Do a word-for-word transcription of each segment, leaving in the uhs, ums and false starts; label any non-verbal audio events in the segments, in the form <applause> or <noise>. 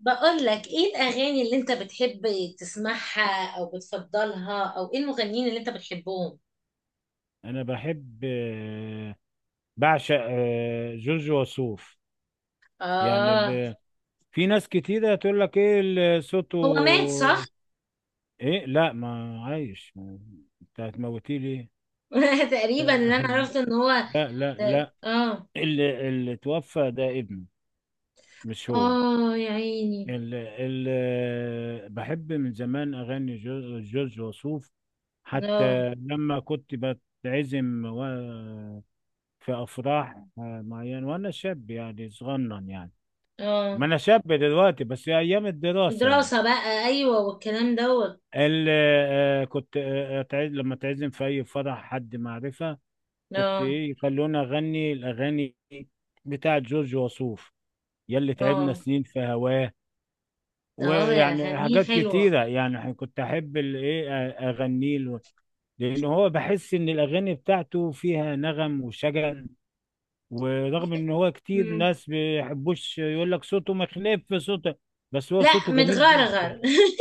بقول لك ايه الاغاني اللي انت بتحب تسمعها او بتفضلها، او ايه المغنيين اللي انت بتحبهم؟ انا بحب آه، بعشق آه، جورج وسوف. يعني اه. ب... في ناس كتيرة تقول لك ايه اللي صوته. هو مات صح؟ ايه، لا، ما عايش ما- انت هتموتيه ليه؟ <laughs> تقريبا اللي انا <laughs> عرفت ان هو... لا لا لا، اه. اللي, اللي توفى ده ابنه، مش هو. اه يا عيني. اللي, اللي بحب من زمان اغاني جو- جورج وسوف، اه. حتى لما كنت بتعزم و- في افراح آه، معينة، وانا شاب يعني صغنن يعني. ما اه انا شاب دلوقتي، بس هي ايام الدراسه يعني. دراسة بقى، ايوه، والكلام دوت. ال- آه، آه، كنت آه، أتع- لما تعزم في اي فرح حد معرفه، كنت اه. ايه يخلونا اغني الاغاني بتاعه جورج وسوف: يلي تعبنا اه. سنين في هواه. اه يا ويعني اغانيه حاجات حلوة. كتيره يعني، ح- كنت احب ال- ايه آه، اغنيه له، لان هو بحس ان الاغاني بتاعته فيها نغم وشجن. ورغم ان هو كتير مم. ناس بيحبوش، يقول لك صوته مخلف صوته، بس هو لا صوته جميل متغرغر. جدا. <laughs>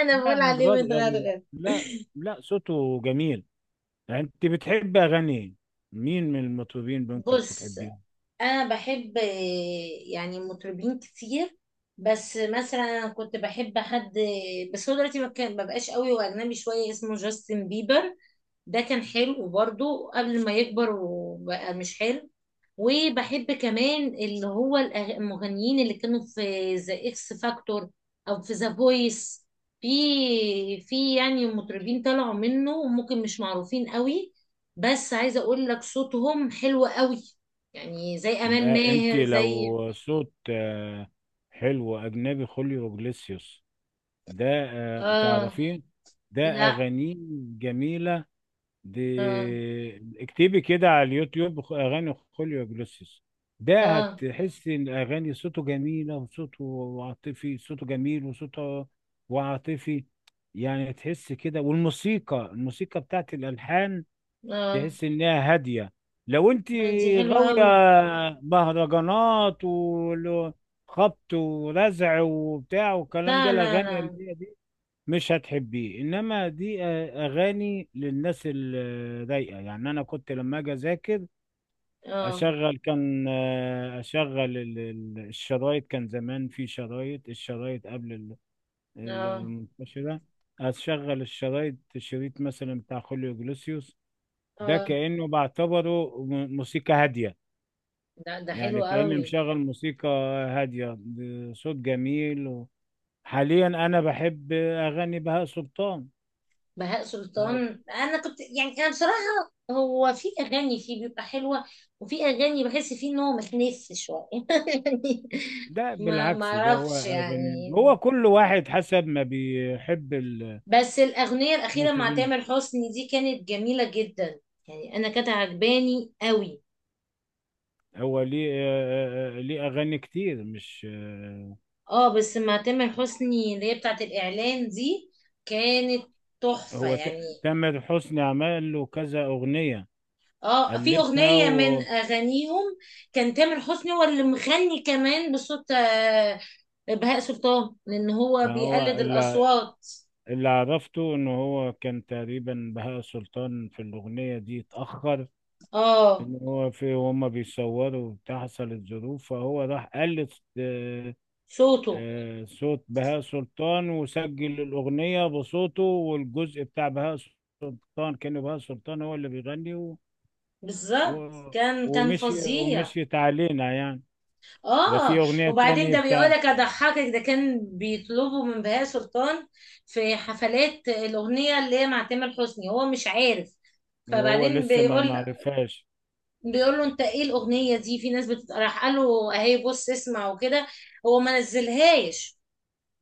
انا لا، بقول عليه متغضغض. متغرغر. لا لا، صوته جميل. يعني انت بتحب اغاني مين من المطربين ممكن بص. بتحبيهم؟ انا بحب، آه، يعني، مطربين كتير. بس مثلا انا كنت بحب حد، بس هو دلوقتي ما كان- ما بقاش قوي، واجنبي شويه، اسمه جاستن بيبر. ده كان حلو برضو قبل ما يكبر وبقى مش حلو. وبحب كمان اللي هو الأغ- المغنيين اللي كانوا في ذا اكس فاكتور، او في ذا فويس. في في يعني مطربين طلعوا منه، ممكن مش معروفين قوي، بس عايزه اقول لك صوتهم حلو قوي، يعني زي امال ده انت ماهر، زي... لو صوت آه، حلو اجنبي، خوليو جليسيوس ده، آه، اه. تعرفيه؟ ده لا. اغانيه جميلة دي. اه. اكتبي كده على اليوتيوب خ- اغاني خوليو جلوسيس، ده اه. هتحسي ان اغاني صوته جميله، وصوته عاطفي، صوته جميل وصوته وعاطفي. يعني تحس كده، والموسيقى الموسيقى بتاعت الالحان اه. تحس انها هاديه. لو انت دي حلوه غاويه قوي. مهرجانات وخبط ورزع وبتاع والكلام ده، لا لا الاغاني لا. اللي هي دي مش هتحبيه، انما دي آه، اغاني للناس الرايقه. يعني انا كنت لما اجي اذاكر، اه. اشغل كان آه، اشغل ال- ال- الشرايط، كان زمان في شرايط الشرايط قبل ال- ال- اه. المنتشره. اشغل الشرايط، شريط مثلا بتاع خوليو جلوسيوس، ده اه. كانه بعتبره م- موسيقى هاديه، ده ده حلو يعني كاني قوي. مشغل موسيقى هاديه بصوت جميل و... حاليا انا بحب اغاني بهاء سلطان. بهاء سلطان، انا كنت يعني، انا بصراحه هو في اغاني فيه بيبقى حلوه، وفي اغاني بحس فيه ان هو متنف شويه <laughs> يعني، ده ما ما بالعكس، ده هو اعرفش أغاني، يعني. هو كل واحد حسب ما بيحب ال- بس الاغنيه الاخيره مع المطربين. تامر حسني دي كانت جميله جدا، يعني انا كانت عجباني قوي. هو ليه آه، آه، آه، ليه أغاني كتير مش آه، اه، بس مع تامر حسني اللي هي بتاعت الاعلان دي، كانت تحفه هو ت- يعني. تامر حسني عمل له كذا أغنية اه، في ألفها اغنيه من و اغانيهم كان تامر حسني هو اللي مغني كمان بصوت، آه، بهاء سلطان، لان هو ما هو بيقلد اللي, الاصوات. اللي عرفته إن هو كان تقريبا بهاء سلطان في الأغنية دي اتأخر، اه. إن هو في هما بيصوروا وبتاع، حصلت ظروف، فهو راح قلد صوته. آه، صوت بهاء سلطان وسجل الأغنية بصوته، والجزء بتاع بهاء سلطان كان بهاء سلطان هو اللي بيغني و... و... بالظبط كان كان ومشي فظيع. ومشيت علينا يعني. ده في اه. أغنية وبعدين تانية ده بتاع، بيقولك، اضحكك، ده كان بيطلبوا من بهاء سلطان في حفلات الاغنيه اللي هي مع تامر حسني، هو مش عارف. وهو فبعدين لسه ما بيقول معرفهاش. بيقول له: انت ايه الاغنيه دي؟ في ناس بتت... راح قال له: اهي بص اسمع وكده. هو ما نزلهاش.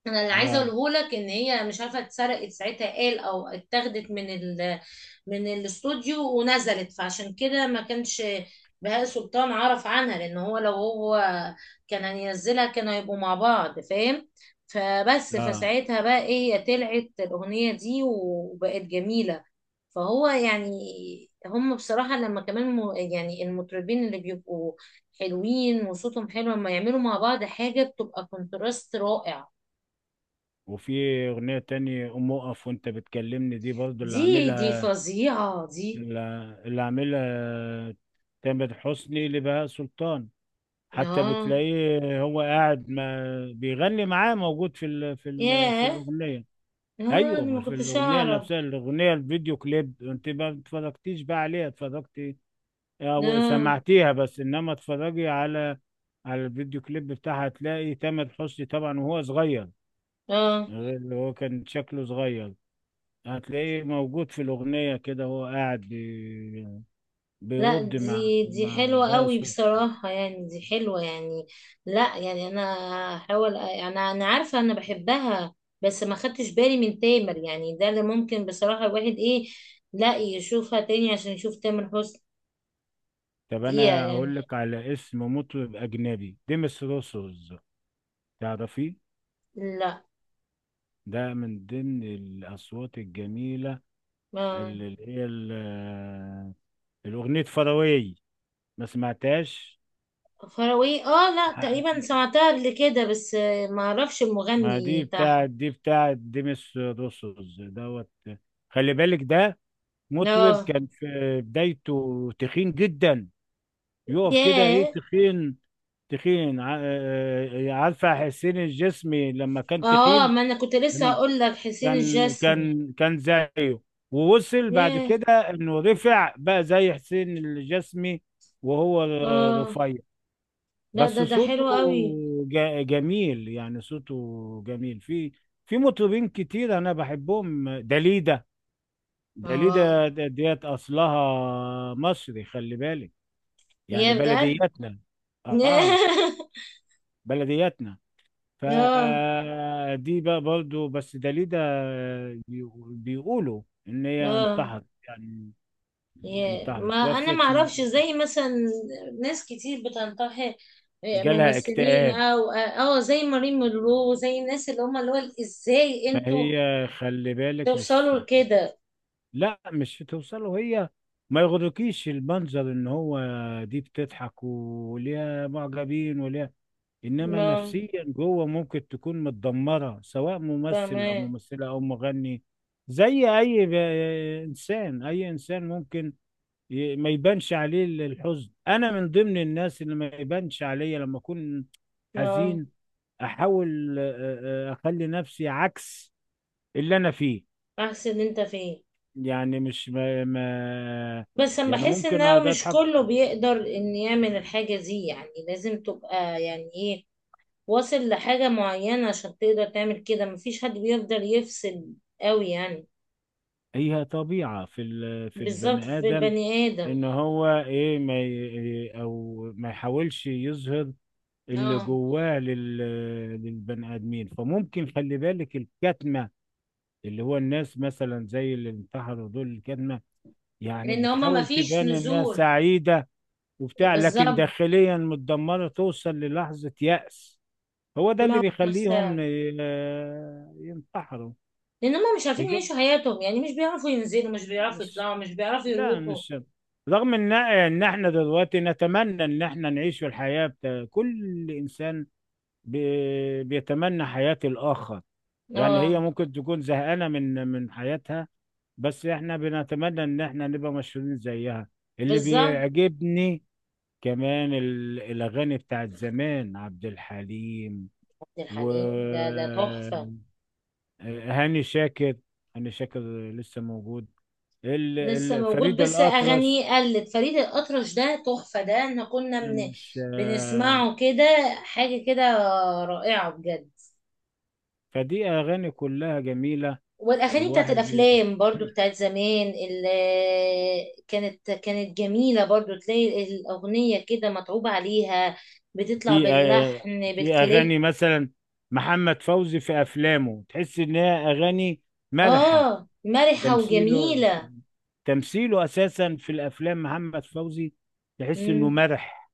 انا اللي عايزه اه اقوله لك ان هي، مش عارفه، اتسرقت ساعتها، قال، او اتاخدت من ال... من الاستوديو، ونزلت، فعشان كده ما كانش بهاء سلطان عرف عنها، لان هو لو هو كان هينزلها كانوا هيبقوا مع بعض، فاهم؟ فبس اه. فساعتها بقى ايه، هي طلعت الاغنيه دي وبقت جميله. فهو يعني، هم بصراحه لما كمان م- يعني المطربين اللي بيبقوا حلوين وصوتهم حلو، لما يعملوا مع بعض حاجه، بتبقى كونتراست رائع. وفي أغنية تانية قوم اقف وانت بتكلمني، دي برضو اللي دي دي عاملها فظيعة دي. اللي اللي عاملها تامر حسني لبهاء سلطان، حتى اه. بتلاقيه هو قاعد ما بيغني معاه، موجود في ال في ال في ياه. الأغنية. اه. انا ايوه، ما ما في كنتش الأغنية اعرف. نفسها، الأغنية الفيديو كليب، انت ما اتفرجتيش بقى عليها؟ اتفرجتي او اه. سمعتيها بس؟ انما اتفرجي على على الفيديو كليب بتاعها، هتلاقي تامر حسني طبعا وهو صغير، اه. غير اللي هو كان شكله صغير، هتلاقيه موجود في الأغنية كده، هو قاعد بي- لا بيرد مع دي دي مع حلوة ده. قوي بصراحة، يعني دي حلوة يعني. لا يعني انا هحاول، انا انا عارفة انا بحبها، بس ما خدتش بالي من تامر، يعني ده اللي ممكن بصراحة الواحد ايه، لا يشوفها تاني عشان يشوف تامر حسني طب فيها انا يعني. اقول لك على اسم مطرب اجنبي، ديمس روسوز، تعرفيه؟ لا. ده من ضمن الاصوات الجميله، اه. اللي اللي هي ال- آه، الاغنيه فراوي، ما سمعتهاش؟ فروي، اه، لا ح- تقريبا سمعتها قبل كده، بس آه، ما اعرفش ما المغني دي بتاعها. بتاعت، دي بتاعت ديمس روسوز دوت. خلي بالك ده مطرب اه. كان في بدايته تخين جدا، يقف كده، ايه ياه. تخين. تخين ع- آه، آه، عارفه حسين الجسمي لما كان اه، تخين؟ ما انا كنت لسه لما هقول لك حسين كان الجسمي. كان كان زيه، ووصل بعد ياه. كده انه رفع بقى زي حسين الجسمي، وهو اه. رفيع. لا بس ده ده صوته حلو قوي. جا- جميل، يعني صوته جميل. في في مطربين كتير انا بحبهم، داليدا. اه. داليدا د- ديت اصلها مصري، خلي بالك، يعني ياه، بجد. بلدياتنا. <laughs> اه، بلدياتنا. اه. فدي بقى برضو بس، داليدا بيقو- بيقولوا ان هي اه. انتحرت يعني، ياه، ما انتحرت، انا توفت ما من- اعرفش، زي مثلا ناس كتير بتنتحر، آه، جالها ممثلين، اكتئاب. او اه... آه، زي مارين مونرو، زي الناس اللي هم، اللي هو، ازاي ما انتوا هي خلي بالك، مش. توصلوا لكده؟ لا، مش هتوصله هي، ما يغركيش المنظر ان هو دي بتضحك وليها معجبين وليها، انما ما نفسيا جوه ممكن تكون متدمره، سواء ممثل او فاهمه. ممثله او مغني. زي اي ب- انسان، اي انسان ممكن ي- ما يبانش عليه ال- الحزن. انا من ضمن الناس اللي ما يبانش عليا لما اكون اه. حزين، احاول آه، آه، اخلي نفسي عكس اللي انا فيه، احسن انت فين. يعني مش ما, ما. بس انا يعني بحس ان ممكن هو اقعد مش اضحك. كله بيقدر ان يعمل الحاجة دي، يعني لازم تبقى يعني ايه، واصل لحاجة معينة عشان تقدر تعمل كده، مفيش حد بيقدر يفصل قوي يعني. هي طبيعة في ال- في بالظبط البني في ادم، البني آدم. ان هو ايه ما ي- او ما يحاولش يظهر اللي اه، جواه لل- للبني ادمين. فممكن خلي بالك الكتمة، اللي هو الناس مثلا زي اللي انتحروا دول، الكتمة يعني لان هما بتحاول مفيش تبان انها نزول. سعيدة وبتاع، لكن بالظبط. داخليا متدمرة، توصل للحظة يأس. هو ده اللي دماغ. بيخليهم نفسها. ي- آه، ينتحروا لان هما مش عارفين بجد. يعيشوا حياتهم، يعني مش بيعرفوا ينزلوا، مش بيعرفوا مش، يطلعوا، مش بيعرفوا لا يروحوا. مش. رغم ان ان احنا دلوقتي نتمنى ان احنا نعيش في الحياة بتا... كل انسان بي... بيتمنى حياة الاخر. يعني اه. هي ممكن تكون زهقانة من من حياتها، بس احنا بنتمنى ان احنا نبقى مشهورين زيها. اللي بالظبط. بيعجبني كمان ال- الأغاني بتاعت زمان، عبد الحليم عبد الحليم، ده ده تحفة. وهاني شاكر. هاني شاكر لسه موجود. ال... لسه ال... موجود، فريد بس الأطرش، اغانيه قلت. فريد الاطرش ده تحفه، ده احنا كنا من يعني مش آه، بنسمعه كده، حاجه كده، رائعه بجد. فدي أغاني كلها جميلة. والاغاني بتاعت الواحد ي- الافلام برضو، <clears throat> بتاعت زمان، اللي كانت كانت جميله برضو، تلاقي الاغنيه كده متعوب عليها، بتطلع في آه، باللحن في بالكليب. أغاني مثلا محمد فوزي في أفلامه، تحس إن هي أغاني مرحة. اه، مرحه تمثيله وجميله. تمثيله أساسا في الأفلام محمد فوزي، تحس إنه امم. مرح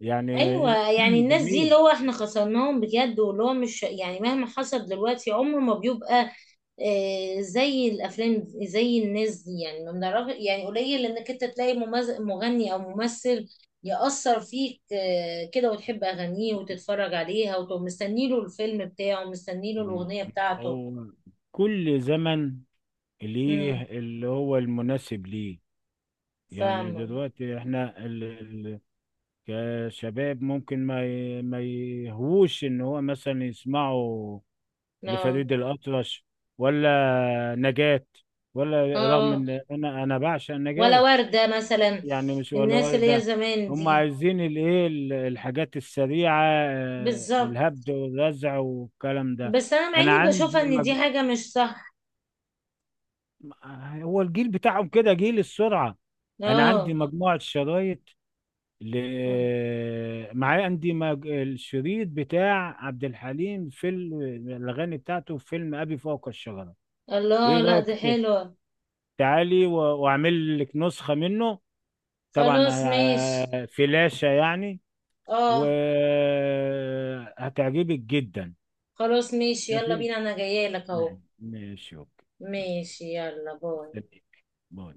يعني. ايوه يعني <clears throat> الناس دي، اللي جميل. هو احنا خسرناهم بجد، واللي هو مش يعني، مهما حصل دلوقتي عمره ما بيبقى، آه، زي الافلام، زي الناس دي، يعني ما بنعرف، يعني قليل انك انت تلاقي ممز- مغني او ممثل يأثر فيك آه، كده، وتحب اغانيه وتتفرج عليها، وتبقى مستني له الفيلم بتاعه، مستني له م- الاغنيه بتاعته. هو كل زمن ليه امم. اللي هو المناسب ليه. يعني فاهمه. دلوقتي احنا ال... ال... كشباب ممكن ما ي... ما يهوش ان هو مثلا يسمعوا اه. لفريد الأطرش، ولا نجاة، ولا، رغم اه. ان انا انا بعشق ولا نجاة. ورده مثلا. يعني مش ولا الناس ولا اللي هي ده. زمان هم دي. عايزين الايه ال- الحاجات السريعة، آه، بالظبط. الهبد والرزع والكلام ده. بس انا مع انا اني بشوفها عندي ان دي مج... حاجه مش صح. هو الجيل بتاعهم كده جيل السرعة. انا عندي اه. مجموعة شرايط ل... معايا عندي مج... الشريط بتاع عبد الحليم في ال- الاغاني بتاعته في فيلم ابي فوق الشجرة. الله، ايه لا رأيك دي ت- حلوه. تعالي و... واعمل لك نسخة منه، طبعا خلاص ماشي. آه، فلاشة يعني، اه. وهتعجبك جدا. خلاص ماشي، يلا ماشي. بينا، انا جايه لك اهو. ماشي ماشي، اوكي. يلا، ماشي. يلا، باي. مستنيك. باي.